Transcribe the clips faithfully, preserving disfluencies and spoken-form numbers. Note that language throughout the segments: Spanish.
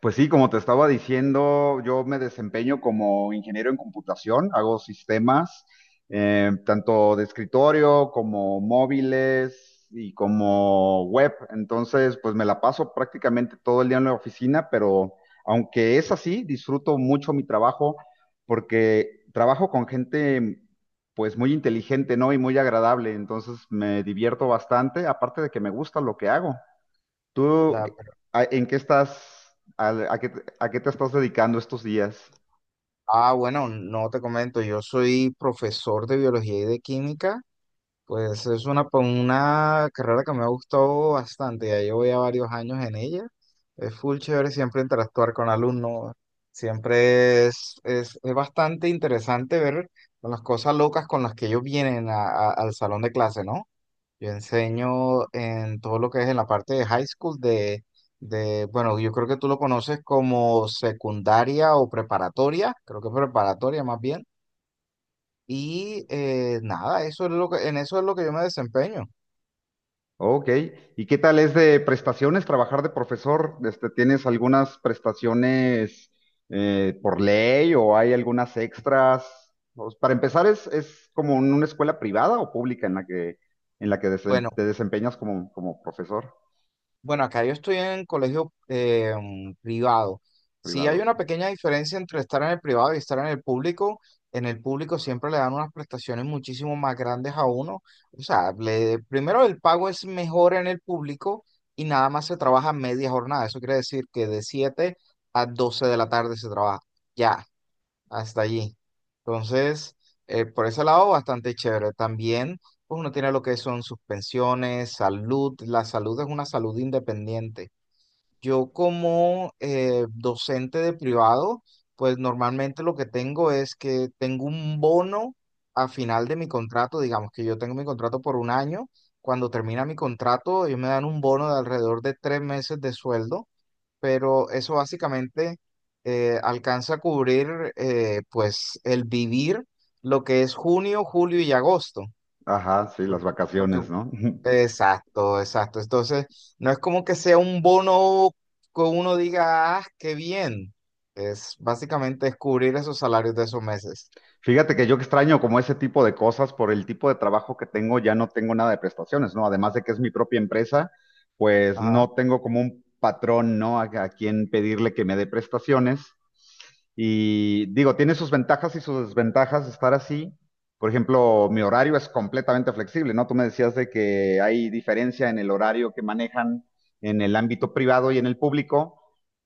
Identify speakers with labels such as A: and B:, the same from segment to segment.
A: Pues sí, como te estaba diciendo, yo me desempeño como ingeniero en computación, hago sistemas, eh, tanto de escritorio como móviles y como web. Entonces, pues me la paso prácticamente todo el día en la oficina, pero aunque es así, disfruto mucho mi trabajo porque trabajo con gente pues muy inteligente, ¿no? Y muy agradable. Entonces me divierto bastante, aparte de que me gusta lo que hago. ¿Tú
B: Ya, pero-
A: a- en qué estás, al- a, qué, te a qué te estás dedicando estos días?
B: ah, bueno, no te comento, yo soy profesor de biología y de química, pues es una, pa- una carrera que me ha gustado bastante, ya llevo ya varios años en ella, es full chévere siempre interactuar con alumnos, siempre es, es, es bastante interesante ver las cosas locas con las que ellos vienen a- a- al salón de clase, ¿no? Yo enseño en todo lo que es en la parte de high school, de, de, bueno, yo creo que tú lo conoces como secundaria o preparatoria, creo que preparatoria más bien. Y eh, nada, eso es lo que, en eso es lo que yo me desempeño.
A: Ok, ¿y qué tal es de prestaciones trabajar de profesor? Este, ¿tienes algunas prestaciones eh, por ley o hay algunas extras? Pues, para empezar, ¿es, es como en una escuela privada o pública en la que, en la que desem-
B: Bueno,
A: te desempeñas como, como profesor
B: Bueno, acá yo estoy en colegio eh, mm, privado. Sí hay
A: privado?
B: una pequeña diferencia entre estar en el privado y estar en el público. En el público siempre le dan unas prestaciones muchísimo más grandes a uno. O sea, le- primero el pago es mejor en el público y nada más se trabaja media jornada. Eso quiere decir que de siete a doce de la tarde se trabaja. Ya hasta allí. Entonces, eh, por ese lado, bastante chévere. También, pues uno tiene lo que son sus pensiones salud. La salud es una salud independiente. Yo como eh, docente de privado, pues normalmente lo que tengo es que tengo un bono a final de mi contrato, digamos que yo tengo mi contrato por un año. Cuando termina mi contrato, ellos me dan un bono de alrededor de tres meses de sueldo, pero eso básicamente eh, alcanza a cubrir eh, pues el vivir lo que es junio, julio y agosto.
A: Ajá, sí, las
B: Por- Porque,
A: vacaciones, ¿no?
B: exacto, exacto. Entonces, no es como que sea un bono que uno diga, ah, qué bien. Es básicamente es cubrir esos salarios de esos meses.
A: Fíjate que yo extraño como ese tipo de cosas por el tipo de trabajo que tengo, ya no tengo nada de prestaciones, ¿no? Además de que es mi propia empresa, pues
B: Ajá,
A: no tengo como un patrón, ¿no? A, a quien pedirle que me dé prestaciones. Y digo, tiene sus ventajas y sus desventajas estar así. Por ejemplo, mi horario es completamente flexible, ¿no? Tú me decías de que hay diferencia en el horario que manejan en el ámbito privado y en el público.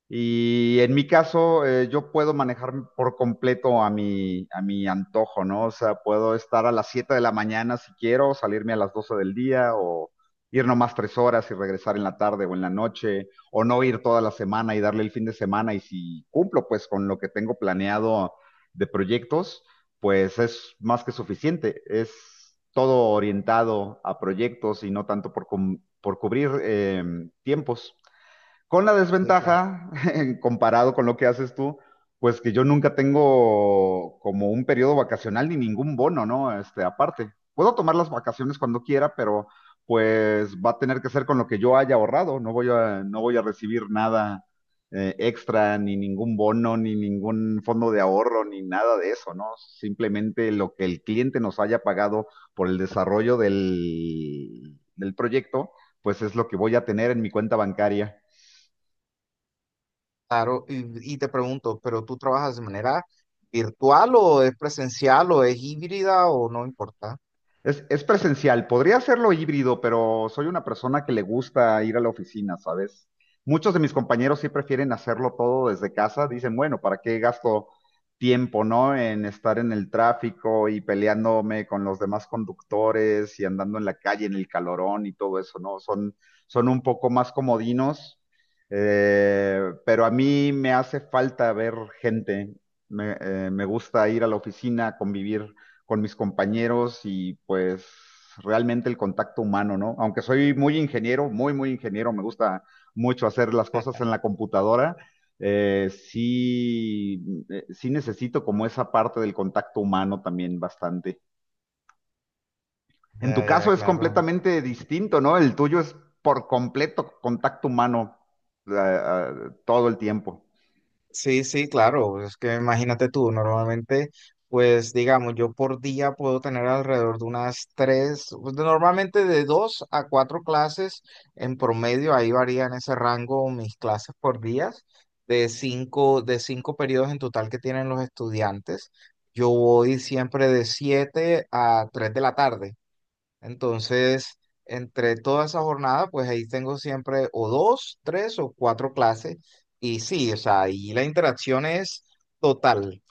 A: Y en mi caso, eh, yo puedo manejar por completo a mi, a mi antojo, ¿no? O sea, puedo estar a las siete de la mañana si quiero, salirme a las doce del día o ir nomás tres horas y regresar en la tarde o en la noche, o no ir toda la semana y darle el fin de semana. Y si cumplo pues con lo que tengo planeado de proyectos, pues es más que suficiente. Es todo orientado a proyectos y no tanto por, cum- por cubrir em, tiempos. Con la
B: sí, claro.
A: desventaja, comparado con lo que haces tú, pues que yo nunca tengo como un periodo vacacional ni ningún bono, ¿no? Este, aparte. Puedo tomar las vacaciones cuando quiera, pero pues va a tener que ser con lo que yo haya ahorrado. No voy a, no voy a recibir nada eh, extra, ni ningún bono, ni ningún fondo de ahorro, ni nada de eso, ¿no? Simplemente lo que el cliente nos haya pagado por el desarrollo del, del proyecto, pues es lo que voy a tener en mi cuenta bancaria.
B: Claro, y, y te pregunto, ¿pero tú trabajas de manera virtual o es presencial o es híbrida o no importa?
A: Es, es presencial, podría hacerlo híbrido, pero soy una persona que le gusta ir a la oficina, ¿sabes? Muchos de mis compañeros sí prefieren hacerlo todo desde casa, dicen, bueno, ¿para qué gasto tiempo, no? En estar en el tráfico y peleándome con los demás conductores y andando en la calle en el calorón y todo eso, ¿no? Son, son un poco más comodinos, eh, pero a mí me hace falta ver gente, me, eh, me gusta ir a la oficina, convivir con mis compañeros y pues realmente el contacto humano, ¿no? Aunque soy muy ingeniero, muy, muy ingeniero, me gusta mucho hacer las cosas en la computadora, eh, sí, eh, sí necesito como esa parte del contacto humano también bastante. En tu
B: Ya, ya,
A: caso es
B: claro.
A: completamente distinto, ¿no? El tuyo es por completo contacto humano eh, eh, todo el tiempo.
B: Sí, sí, claro. Es que imagínate tú, normalmente, pues digamos, yo por día puedo tener alrededor de unas tres, pues, de- normalmente de dos a cuatro clases en promedio, ahí varía en ese rango mis clases por días, de cinco, de cinco periodos en total que tienen los estudiantes. Yo voy siempre de siete a tres de la tarde. Entonces, entre toda esa jornada, pues ahí tengo siempre o dos, tres o cuatro clases. Y sí, o sea, ahí la interacción es total.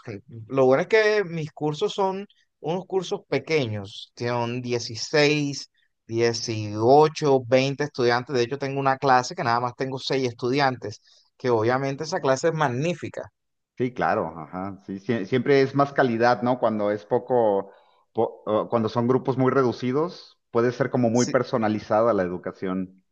B: Lo bueno es que mis cursos son unos cursos pequeños, son dieciséis, dieciocho, veinte estudiantes. De hecho, tengo una clase que nada más tengo seis estudiantes, que obviamente esa clase es magnífica.
A: Sí, claro, ajá. Sí, sie- siempre es más calidad, ¿no? Cuando es poco, po- o cuando son grupos muy reducidos, puede ser como muy personalizada la educación.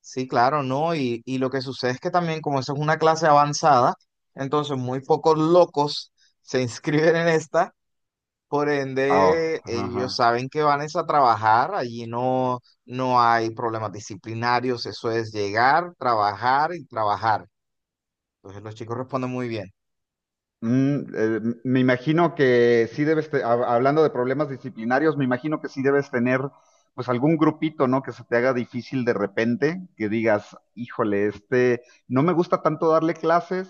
B: Sí, claro, ¿no? Y, y lo que sucede es que también, como eso es una clase avanzada, entonces muy pocos locos se inscriben en esta, por
A: Ah,
B: ende ellos
A: ajá.
B: saben que van es a trabajar, allí no, no hay problemas disciplinarios, eso es llegar, trabajar y trabajar. Entonces los chicos responden muy bien.
A: Mm, eh, me imagino que sí debes, te- hab- hablando de problemas disciplinarios, me imagino que sí debes tener pues algún grupito, ¿no? Que se te haga difícil de repente, que digas, híjole, este, no me gusta tanto darle clases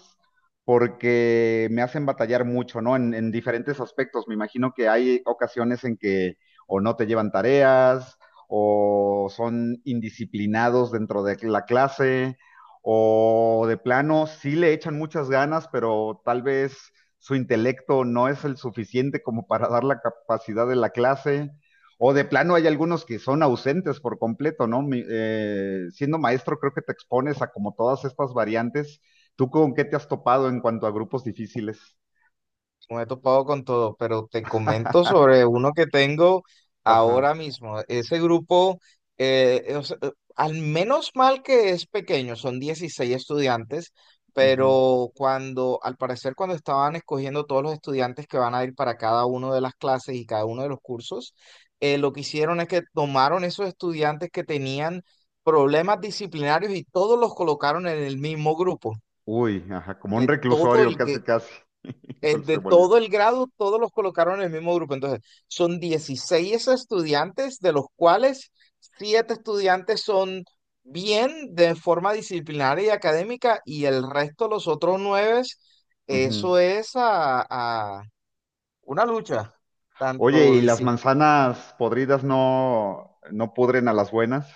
A: porque me hacen batallar mucho, ¿no? En, en diferentes aspectos. Me imagino que hay ocasiones en que o no te llevan tareas o son indisciplinados dentro de la clase o de plano sí le echan muchas ganas, pero tal vez su intelecto no es el suficiente como para dar la capacidad de la clase, o de plano hay algunos que son ausentes por completo, ¿no? Mi- eh, siendo maestro creo que te expones a como todas estas variantes. ¿Tú con qué te has topado en cuanto a grupos difíciles?
B: Me he topado con todo, pero te comento sobre uno que tengo
A: Ajá.
B: ahora mismo. Ese grupo, eh, o sea, eh, al menos mal que es pequeño, son dieciséis estudiantes,
A: Ujú.
B: pero cuando, al parecer, cuando estaban escogiendo todos los estudiantes que van a ir para cada uno de las clases y cada uno de los cursos, eh, lo que hicieron es que tomaron esos estudiantes que tenían problemas disciplinarios y todos los colocaron en el mismo grupo.
A: Uy, ajá, como un
B: De todo
A: reclusorio,
B: el,
A: casi, casi.
B: eh,
A: Se, se
B: de
A: volvió.
B: todo el grado, todos los colocaron en el mismo grupo. Entonces, son dieciséis estudiantes, de los cuales siete estudiantes son bien de forma disciplinaria y académica, y el resto, los otros nueve,
A: Ujú.
B: eso es a, a una lucha,
A: Oye,
B: tanto
A: ¿y las
B: disci-
A: manzanas podridas no, no pudren a las buenas?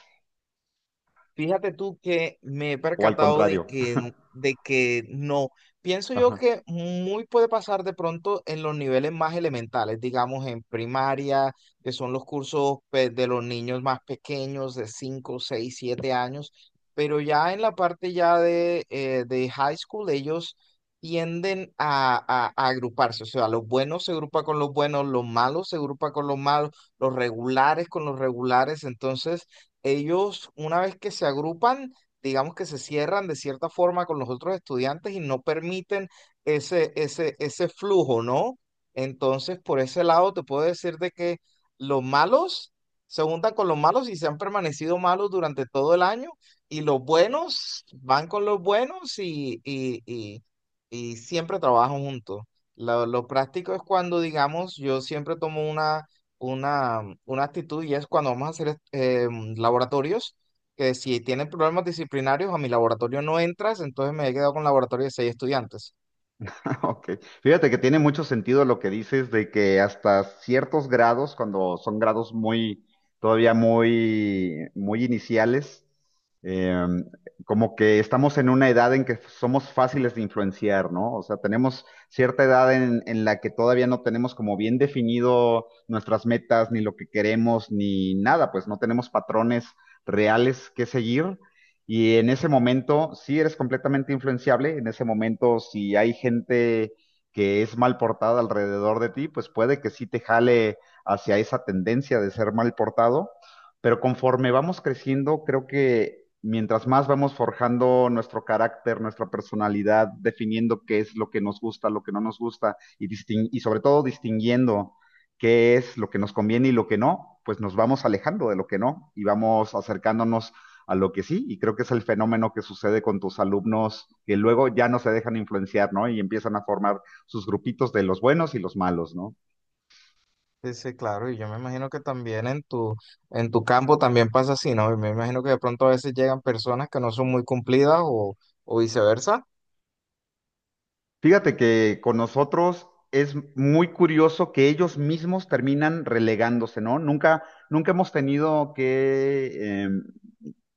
B: Fíjate tú que me he
A: ¿O al
B: percatado de
A: contrario?
B: que, n- de que no. Pienso yo que muy puede pasar de pronto en los niveles más elementales, digamos en primaria, que son los cursos pues, de los niños más pequeños, de cinco, seis, siete años, pero ya en la parte ya de, eh, de high school, ellos tienden a, a- a agruparse, o sea, los buenos se agrupan con los buenos, los malos se agrupan con los malos, los regulares con los regulares, entonces ellos, una vez que se agrupan, digamos que se cierran de cierta forma con los otros estudiantes y no permiten ese, ese, ese flujo, ¿no? Entonces, por ese lado, te puedo decir de que los malos se juntan con los malos y se han permanecido malos durante todo el año, y los buenos van con los buenos y, y, y, y siempre trabajan juntos. Lo, lo práctico es cuando, digamos, yo siempre tomo una una, una actitud, y es cuando vamos a hacer eh, laboratorios, que si tienen problemas disciplinarios a mi laboratorio no entras, entonces me he quedado con un laboratorio de seis estudiantes.
A: Ok. Fíjate que tiene mucho sentido lo que dices de que hasta ciertos grados, cuando son grados muy, todavía muy, muy iniciales, eh, como que estamos en una edad en que somos fáciles de influenciar, ¿no? O sea, tenemos cierta edad en, en la que todavía no tenemos como bien definido nuestras metas, ni lo que queremos, ni nada, pues no tenemos patrones reales que seguir. Y en ese momento sí eres completamente influenciable, en ese momento si hay gente que es mal portada alrededor de ti, pues puede que sí te jale hacia esa tendencia de ser mal portado, pero conforme vamos creciendo, creo que mientras más vamos forjando nuestro carácter, nuestra personalidad, definiendo qué es lo que nos gusta, lo que no nos gusta y, distin- y sobre todo distinguiendo qué es lo que nos conviene y lo que no, pues nos vamos alejando de lo que no y vamos acercándonos a lo que sí, y creo que es el fenómeno que sucede con tus alumnos que luego ya no se dejan influenciar, ¿no? Y empiezan a formar sus grupitos de los buenos y los malos, ¿no?
B: Sí, sí, claro, y yo me imagino que también en tu, en tu campo también pasa así, ¿no? Y me imagino que de pronto a veces llegan personas que no son muy cumplidas o, o viceversa.
A: Fíjate que con nosotros es muy curioso que ellos mismos terminan relegándose, ¿no? Nunca, nunca hemos tenido que, em,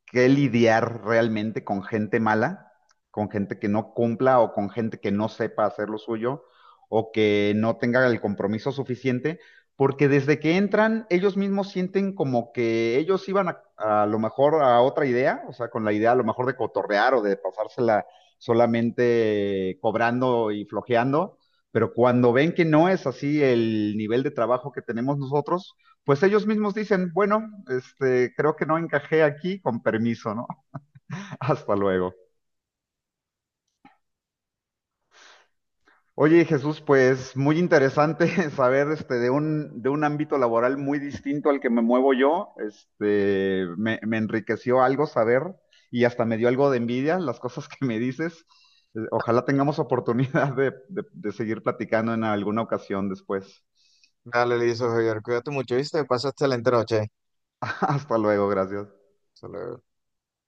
A: que lidiar realmente con gente mala, con gente que no cumpla o con gente que no sepa hacer lo suyo o que no tenga el compromiso suficiente, porque desde que entran ellos mismos sienten como que ellos iban a, a lo mejor a otra idea, o sea, con la idea a lo mejor de cotorrear o de pasársela solamente cobrando y flojeando, pero cuando ven que no es así el nivel de trabajo que tenemos nosotros, pues ellos mismos dicen, bueno, este, creo que no encajé aquí, con permiso, ¿no? Hasta luego. Oye, Jesús, pues muy interesante saber este, de un, de un ámbito laboral muy distinto al que me muevo yo. Este, me, me enriqueció algo saber y hasta me dio algo de envidia las cosas que me dices. Eh, Ojalá tengamos oportunidad de, de de seguir platicando en alguna ocasión después.
B: Dale, listo, Javier, cuídate mucho, ¿viste? Pasa excelente noche.
A: Hasta luego, gracias.
B: Hasta luego.